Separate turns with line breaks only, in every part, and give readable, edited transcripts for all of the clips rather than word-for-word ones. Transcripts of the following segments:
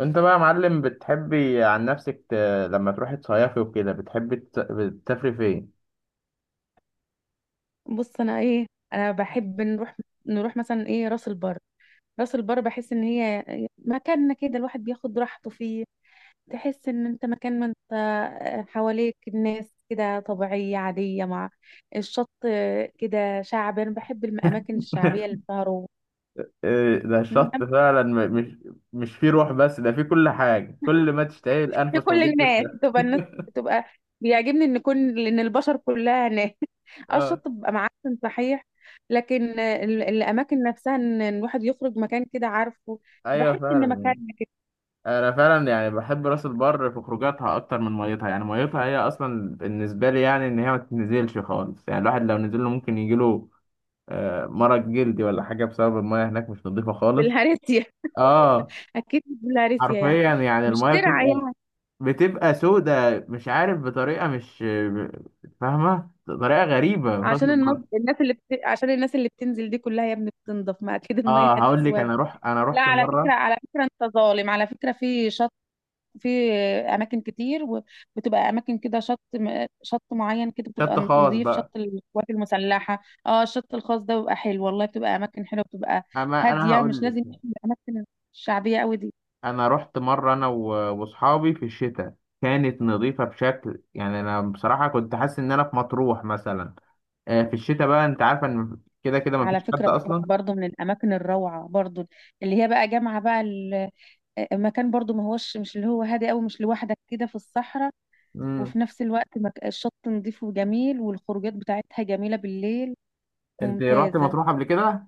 انت بقى يا معلم بتحبي عن نفسك ت... لما تروحي تصيفي وكده بتحبي تسافري فين؟
بص، انا انا بحب نروح مثلا راس البر. راس البر بحس ان هي مكاننا كده، الواحد بياخد راحته فيه. تحس ان انت مكان، ما انت آه، حواليك الناس كده طبيعية عادية مع الشط كده، شعب. انا بحب الاماكن الشعبية اللي بتهرب
إيه ده الشط فعلا، مش فيه روح، بس ده فيه كل حاجة، كل ما تشتهي الأنفس
لكل
موجود في
الناس،
الشط.
بتبقى الناس بتبقى بيعجبني ان كل ان البشر كلها ناس. اه
اه،
الشط بيبقى معفن صحيح، لكن الاماكن نفسها، ان الواحد يخرج مكان كده، عارفه؟
ايوه
بحس ان
فعلا.
مكان كده.
انا فعلا يعني بحب راس البر في خروجاتها اكتر من ميتها، يعني ميتها هي اصلا بالنسبه لي يعني ان هي ما تنزلش خالص، يعني الواحد لو نزل له ممكن يجيله مرض جلدي ولا حاجه بسبب الميه هناك مش نظيفه خالص.
بالهارسيا.
اه،
اكيد مش بالهارسيا يعني،
حرفيا يعني
مش
الميه
ترعى
بتبقى،
يعني.
بتبقى سودة، مش عارف بطريقه، مش فاهمه، طريقه غريبه في راس
عشان
البر.
عشان الناس اللي بتنزل دي كلها يا ابني بتنضف، ما اكيد الميه
اه، هقول لك،
هتسود.
انا روح، انا
لا
رحت
على
مره.
فكره، على فكره انت ظالم. على فكره في شط، في اماكن كتير، وبتبقى اماكن كده. شط معين كده
شط
بتبقى
خاص
نظيف، شط
بقى،
القوات المسلحه، اه الشط الخاص ده بيبقى حلو والله، بتبقى اماكن حلوه، بتبقى
اما انا
هاديه. مش
هقول
لازم
لك،
الاماكن الشعبيه قوي دي.
انا رحت مره انا واصحابي في الشتاء. كانت نظيفه بشكل، يعني انا بصراحه كنت حاسس ان انا في مطروح مثلا. في الشتاء بقى انت عارفه ان كده كده
على
مفيش
فكره
حد
مطروح
اصلا.
برضو من الاماكن الروعه برضو، اللي هي بقى جامعه بقى مكان برضو ما هوش، مش اللي هو هادي قوي مش لوحدك كده في الصحراء،
امم.
وفي نفس الوقت الشط نظيف وجميل، والخروجات بتاعتها جميله بالليل،
انت رحت
ممتازه.
مطروح قبل كده؟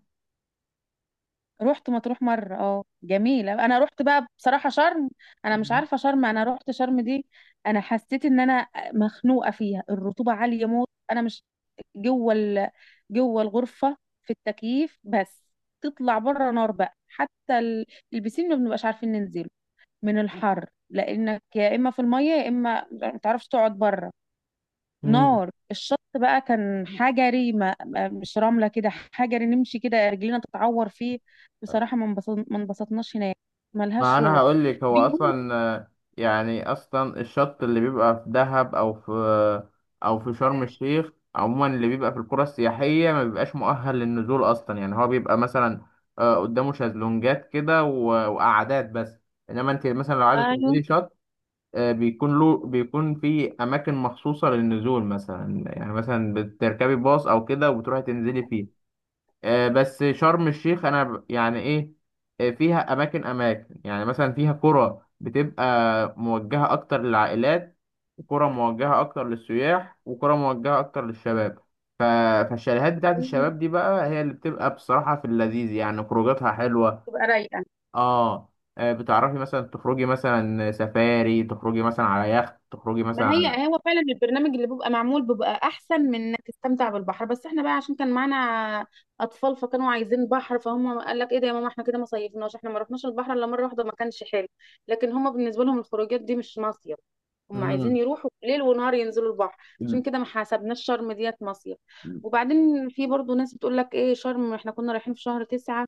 رحت مطروح مرة، اه جميلة. انا رحت بقى بصراحة شرم، انا مش عارفة شرم، انا رحت شرم دي انا حسيت ان انا مخنوقة فيها، الرطوبة عالية موت. انا مش جوه ال... جوه الغرفة في التكييف بس، تطلع بره نار بقى. البسين ما بنبقاش عارفين ننزله من الحر، لانك يا اما في المية يا اما ما تعرفش تقعد بره.
مم.
نار الشط بقى، كان حجري، مش رملة كده، حجري، نمشي كده رجلينا تتعور فيه. بصراحة ما انبسطناش هناك،
ما
ملهاش
انا
روح.
هقول لك، هو
بيقول
اصلا يعني اصلا الشط اللي بيبقى في دهب او في، او في شرم الشيخ عموما، اللي بيبقى في القرى السياحيه ما بيبقاش مؤهل للنزول اصلا، يعني هو بيبقى مثلا قدامه شازلونجات كده وقعدات بس. انما انت مثلا لو عايزه
ايوه.
تنزلي شط، بيكون له، بيكون في اماكن مخصوصه للنزول مثلا، يعني مثلا بتركبي باص او كده وبتروحي تنزلي فيه. بس شرم الشيخ انا يعني ايه، فيها اماكن، اماكن يعني مثلا فيها قرى بتبقى موجهه اكتر للعائلات، وقرى موجهه اكتر للسياح، وقرى موجهه اكتر للشباب. ف- فالشاليهات بتاعت
بيقولوا
الشباب دي بقى هي اللي بتبقى بصراحه في اللذيذ، يعني خروجاتها حلوه.
تبقى رايقة.
اه، بتعرفي مثلا تخرجي مثلا سفاري، تخرجي مثلا على يخت، تخرجي مثلا
ما
على...
هي هو فعلا البرنامج اللي بيبقى معمول بيبقى احسن من انك تستمتع بالبحر بس، احنا بقى عشان كان معانا اطفال، فكانوا عايزين بحر، فهم قال لك ايه ده يا ماما، احنا كده ما صيفناش، احنا ما رحناش البحر الا مره واحده، ما كانش حلو. لكن هم بالنسبه لهم الخروجات دي مش مصيف، هم عايزين
امم
يروحوا ليل ونهار ينزلوا البحر.
ال-
عشان كده ما حسبناش شرم ديت مصيف. وبعدين في برضو ناس بتقول لك ايه شرم، احنا كنا رايحين في شهر 9،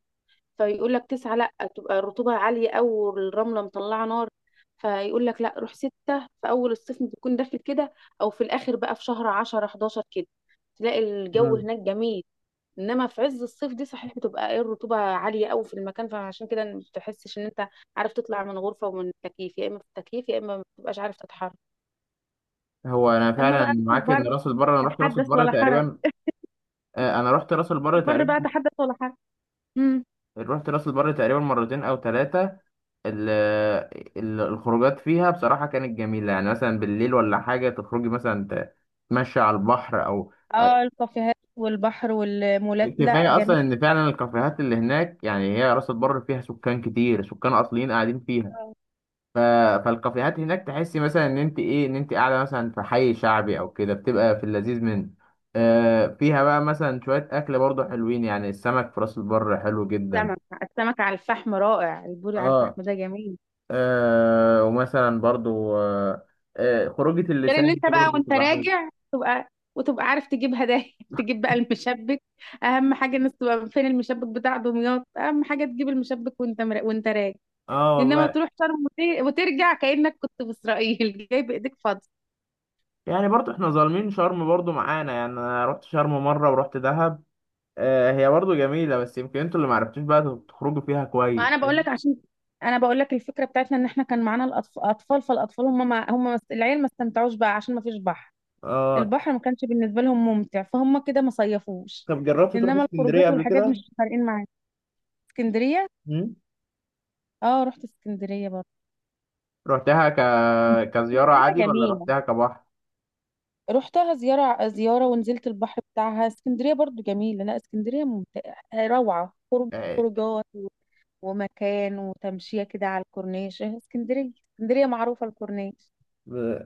فيقول لك 9 لا، تبقى الرطوبة عالية أوي والرملة مطلعة نار، فيقول لك لا روح 6 في أول الصيف بتكون داخل كده، أو في الآخر بقى في شهر 10 11 كده، تلاقي الجو
امم
هناك جميل. إنما في عز الصيف دي صحيح بتبقى إيه، الرطوبة عالية أوي في المكان، فعشان كده ما بتحسش إن أنت عارف تطلع من غرفة ومن التكييف، يا إما في التكييف يا إما ما بتبقاش عارف تتحرك.
هو انا
أما
فعلا
بقى في
معاك
البر،
ان راس البر، انا رحت راس
تحدث
البر
ولا حرج.
تقريبا، انا رحت راس البر
البر
تقريبا،
بقى تحدث ولا حرج. امم.
رحت راس البر تقريبا مرتين او ثلاثه. الخروجات فيها بصراحه كانت جميله، يعني مثلا بالليل ولا حاجه، تخرجي مثلا تمشي على البحر او...
اه الكافيهات والبحر والمولات، لا
كفايه
جميل.
اصلا ان فعلا الكافيهات اللي هناك، يعني هي راس البر فيها سكان كتير، سكان اصليين قاعدين فيها. ف... فالكافيهات هناك تحسي مثلا ان انت ايه، ان انت قاعده مثلا في حي شعبي او كده، بتبقى في اللذيذ منه. فيها بقى مثلا شويه اكل برضه حلوين، يعني السمك في راس البر حلو جدا.
السمك، السمك على الفحم رائع، البوري على
اه.
الفحم ده جميل.
آه، ومثلا برضو آه، آه خروجة
غير ان
اللسان
انت
دي
بقى
برضو
وانت
تبقى حلوة.
راجع تبقى عارف تجيب هدايا. تجيب بقى المشبك، اهم حاجه الناس تبقى فين، المشبك بتاع دمياط، اهم حاجه تجيب المشبك وانت راجع.
اه
انما
والله.
تروح شرم وترجع كانك كنت في اسرائيل، جاي بايديك فاضيه.
يعني برضو احنا ظالمين شرم برضو معانا، يعني انا رحت شرم مرة ورحت دهب، آه هي برضو جميلة بس يمكن انتوا اللي معرفتوش بقى تخرجوا فيها
ما
كويس.
انا بقول لك عشان انا بقول لك الفكره بتاعتنا ان احنا كان معانا الاطفال اطفال، فالاطفال هم ما... هم ما... العيال ما استمتعوش بقى عشان ما فيش بحر،
اه.
البحر ما كانش بالنسبة لهم ممتع، فهم كده ما صيفوش.
طب جربت تروح
انما الخروجات
اسكندرية قبل
والحاجات
كده؟
مش فارقين معايا. اسكندرية؟
مم؟
اه رحت اسكندرية برضه.
رحتها كزيارة
اسكندرية
عادي ولا
جميلة،
رحتها كبحر؟
رحتها زيارة زيارة ونزلت البحر بتاعها. اسكندرية برضو جميلة، لا اسكندرية ممتعة، روعة، خروج، خروجات و- ومكان وتمشية كده على الكورنيش، إيه اسكندرية، اسكندرية معروفة الكورنيش.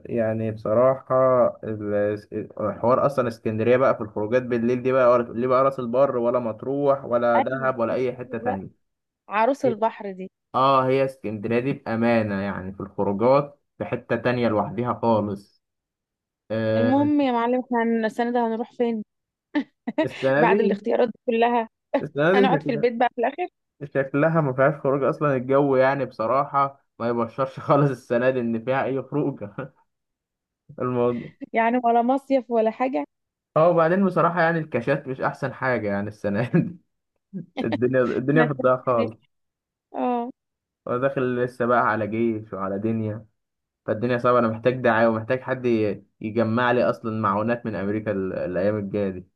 يعني بصراحة ال- الحوار أصلا اسكندرية بقى في الخروجات بالليل دي بقى، ولا ليه بقى راس البر ولا مطروح ولا
ايوه دي
دهب ولا أي حتة
اسكندرية بقى،
تانية.
عروس البحر دي.
اه، هي اسكندرية دي بأمانة يعني في الخروجات في حتة تانية لوحديها خالص. آه.
المهم يا معلم احنا السنة ده هنروح فين؟
السنة
بعد
دي
الاختيارات دي كلها
السنة دي
هنقعد في
شكلها،
البيت بقى في الاخر،
شكلها ما فيهاش خروج أصلا. الجو يعني بصراحة ما يبشرش خالص السنة دي إن فيها أي خروجة. الموضوع.
يعني ولا مصيف ولا حاجه.
اه، وبعدين بصراحة يعني الكاشات مش أحسن حاجة يعني السنة دي. الدنيا في
احنا
الضياع
هنس،
خالص.
اه.
داخل لسه بقى على جيش وعلى دنيا، فالدنيا صعبة. أنا محتاج دعاية ومحتاج حد يجمع لي أصلا معونات من أمريكا الأيام الجاية دي.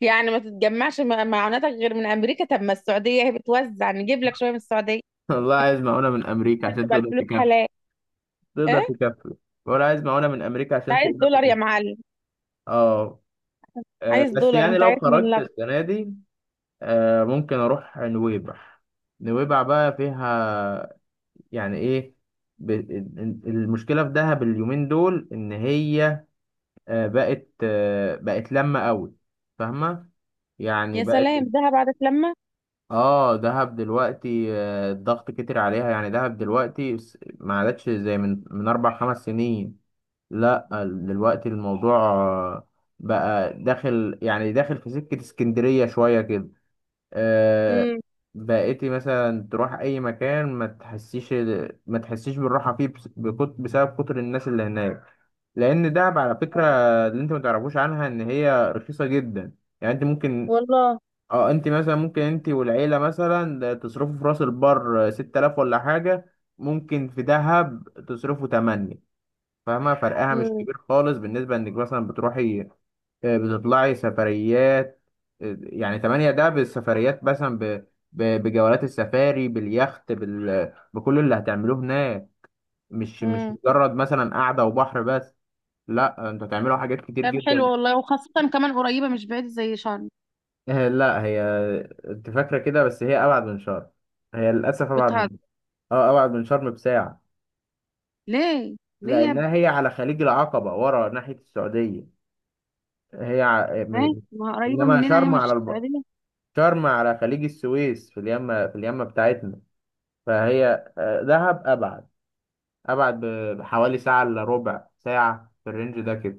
يعني ما معوناتك غير من امريكا، طب ما السعوديه هي بتوزع، نجيب لك شويه من السعوديه
والله عايز معونة من أمريكا
عشان
عشان
تبقى
تقدر
الفلوس
تكفي،
حلال. ايه
تقدر
أنت
تكفي، ولا عايز معونة من أمريكا عشان
عايز
تقدر
دولار يا
تكفي.
معلم؟
أه.
عايز
بس
دولار،
يعني
انت
لو
عايز من
خرجت
لغ.
السنة دي، ممكن أروح نويبع. نويبع بقى فيها يعني إيه، المشكلة في دهب اليومين دول إن هي بقت، بقت لما قوي، فاهمة، يعني
يا
بقت...
سلام دهب بعد لما.
اه، دهب دلوقتي الضغط كتر عليها، يعني دهب دلوقتي ما عادتش زي من 4 5 سنين. لا دلوقتي الموضوع بقى داخل، يعني داخل في سكة اسكندرية شوية كده. آه.
امم.
بقيتي مثلا تروح اي مكان ما تحسيش، ما تحسيش بالراحة فيه، بسبب كتر الناس اللي هناك. لان دهب على فكرة، اللي انت ما تعرفوش عنها، ان هي رخيصة جدا، يعني انت ممكن...
والله.
اه، انت مثلا ممكن انت والعيلة مثلا تصرفوا في راس البر 6000 ولا حاجة، ممكن في دهب تصرفوا تمانية. فاهمة فرقها مش
امم.
كبير خالص بالنسبة انك مثلا بتروحي بتطلعي سفريات. يعني تمانية ده بالسفريات، مثلا بجولات السفاري، باليخت، بكل اللي هتعملوه هناك. مش
امم.
مجرد مثلا قعدة وبحر بس. لا، انتوا هتعملوا حاجات كتير
طب
جدا.
حلو والله، وخاصه كمان قريبه مش بعيده زي شرم.
لا هي، انت فاكرة كده بس هي أبعد من شرم. هي للأسف
بتهزر؟
أبعد. اه، ابعد من شرم بساعة.
ليه ليه يا ابني؟
لانها هي على خليج العقبة ورا ناحية السعودية، هي ع...
ماشي،
م...
ما هي قريبه
انما
مننا، هي
شرم على
مش السعوديه.
شرم على خليج السويس، في اليمة، في اليمة بتاعتنا، فهي دهب ابعد، ابعد بحوالي ساعة الا ربع ساعة في الرينج ده كده.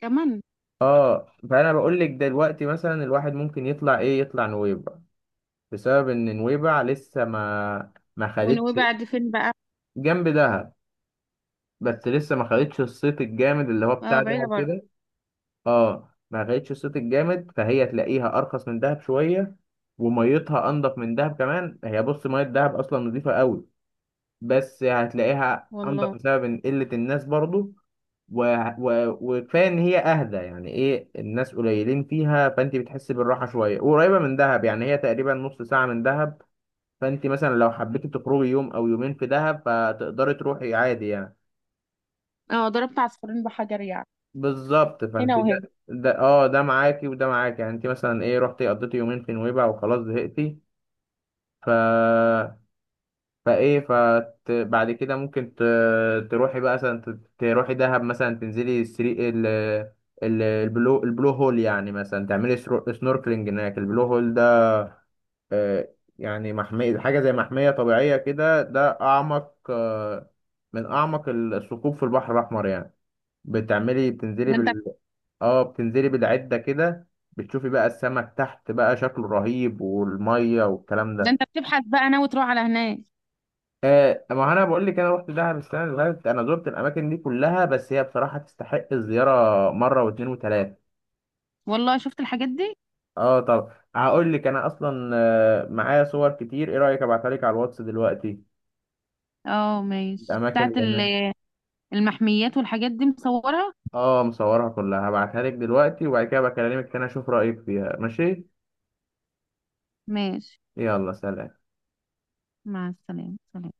كمان.
اه، فانا بقول لك دلوقتي مثلا الواحد ممكن يطلع ايه، يطلع نويبع، بسبب ان نويبع لسه ما خدتش،
ونويبع دي فين بقى؟
جنب دهب، بس لسه ما خدتش الصيت الجامد اللي هو
اه
بتاع
بعيدة
دهب
برضه.
كده. اه، ما خدتش الصيت الجامد، فهي تلاقيها ارخص من دهب شويه، وميتها انضف من دهب كمان. هي بص، ميه دهب اصلا نظيفه قوي بس هتلاقيها انضف
والله.
بسبب إن قله الناس برضو، و... وكفايه ان هي اهدى، يعني ايه، الناس قليلين فيها، فانت بتحسي بالراحه شويه. قريبه من دهب، يعني هي تقريبا نص ساعه من دهب، فانت مثلا لو حبيتي تخرجي يوم او يومين في دهب فتقدري تروحي عادي يعني.
اه ضربت عصفورين بحجر يعني،
بالظبط، فانت
هنا وهنا.
ده اه ده معاكي وده معاكي، يعني انت مثلا ايه، رحتي قضيتي يومين في نويبع وخلاص زهقتي، ف بعد كده ممكن تروحي بقى مثلا تروحي دهب، مثلا تنزلي السري البلو هول، يعني مثلا تعملي سنوركلينج هناك. البلو هول ده يعني محمية، حاجة زي محمية طبيعية كده، ده أعمق من أعمق الثقوب في البحر الأحمر يعني. بتعملي، بتنزلي،
ده انت،
اه، بتنزلي بالعدة كده، بتشوفي بقى السمك تحت بقى شكله رهيب والمية والكلام
ده
ده.
انت بتبحث بقى ناوي تروح على هناك.
آه، ما انا بقول لك انا رحت دهب السنة اللي فاتت، انا زرت الاماكن دي كلها بس هي بصراحة تستحق الزيارة مرة واتنين وتلاتة.
والله شفت الحاجات دي.
اه، طب هقول لك انا اصلا معايا صور كتير، ايه رأيك ابعتها لك على الواتس دلوقتي،
اه ماشي،
الاماكن
بتاعت
اللي هناك.
المحميات والحاجات دي مصورها؟
اه، مصورها كلها، هبعتها لك دلوقتي وبعد كده بكلمك تاني اشوف رأيك فيها، ماشي.
ماشي.
يلا سلام.
مع السلامة، سلام.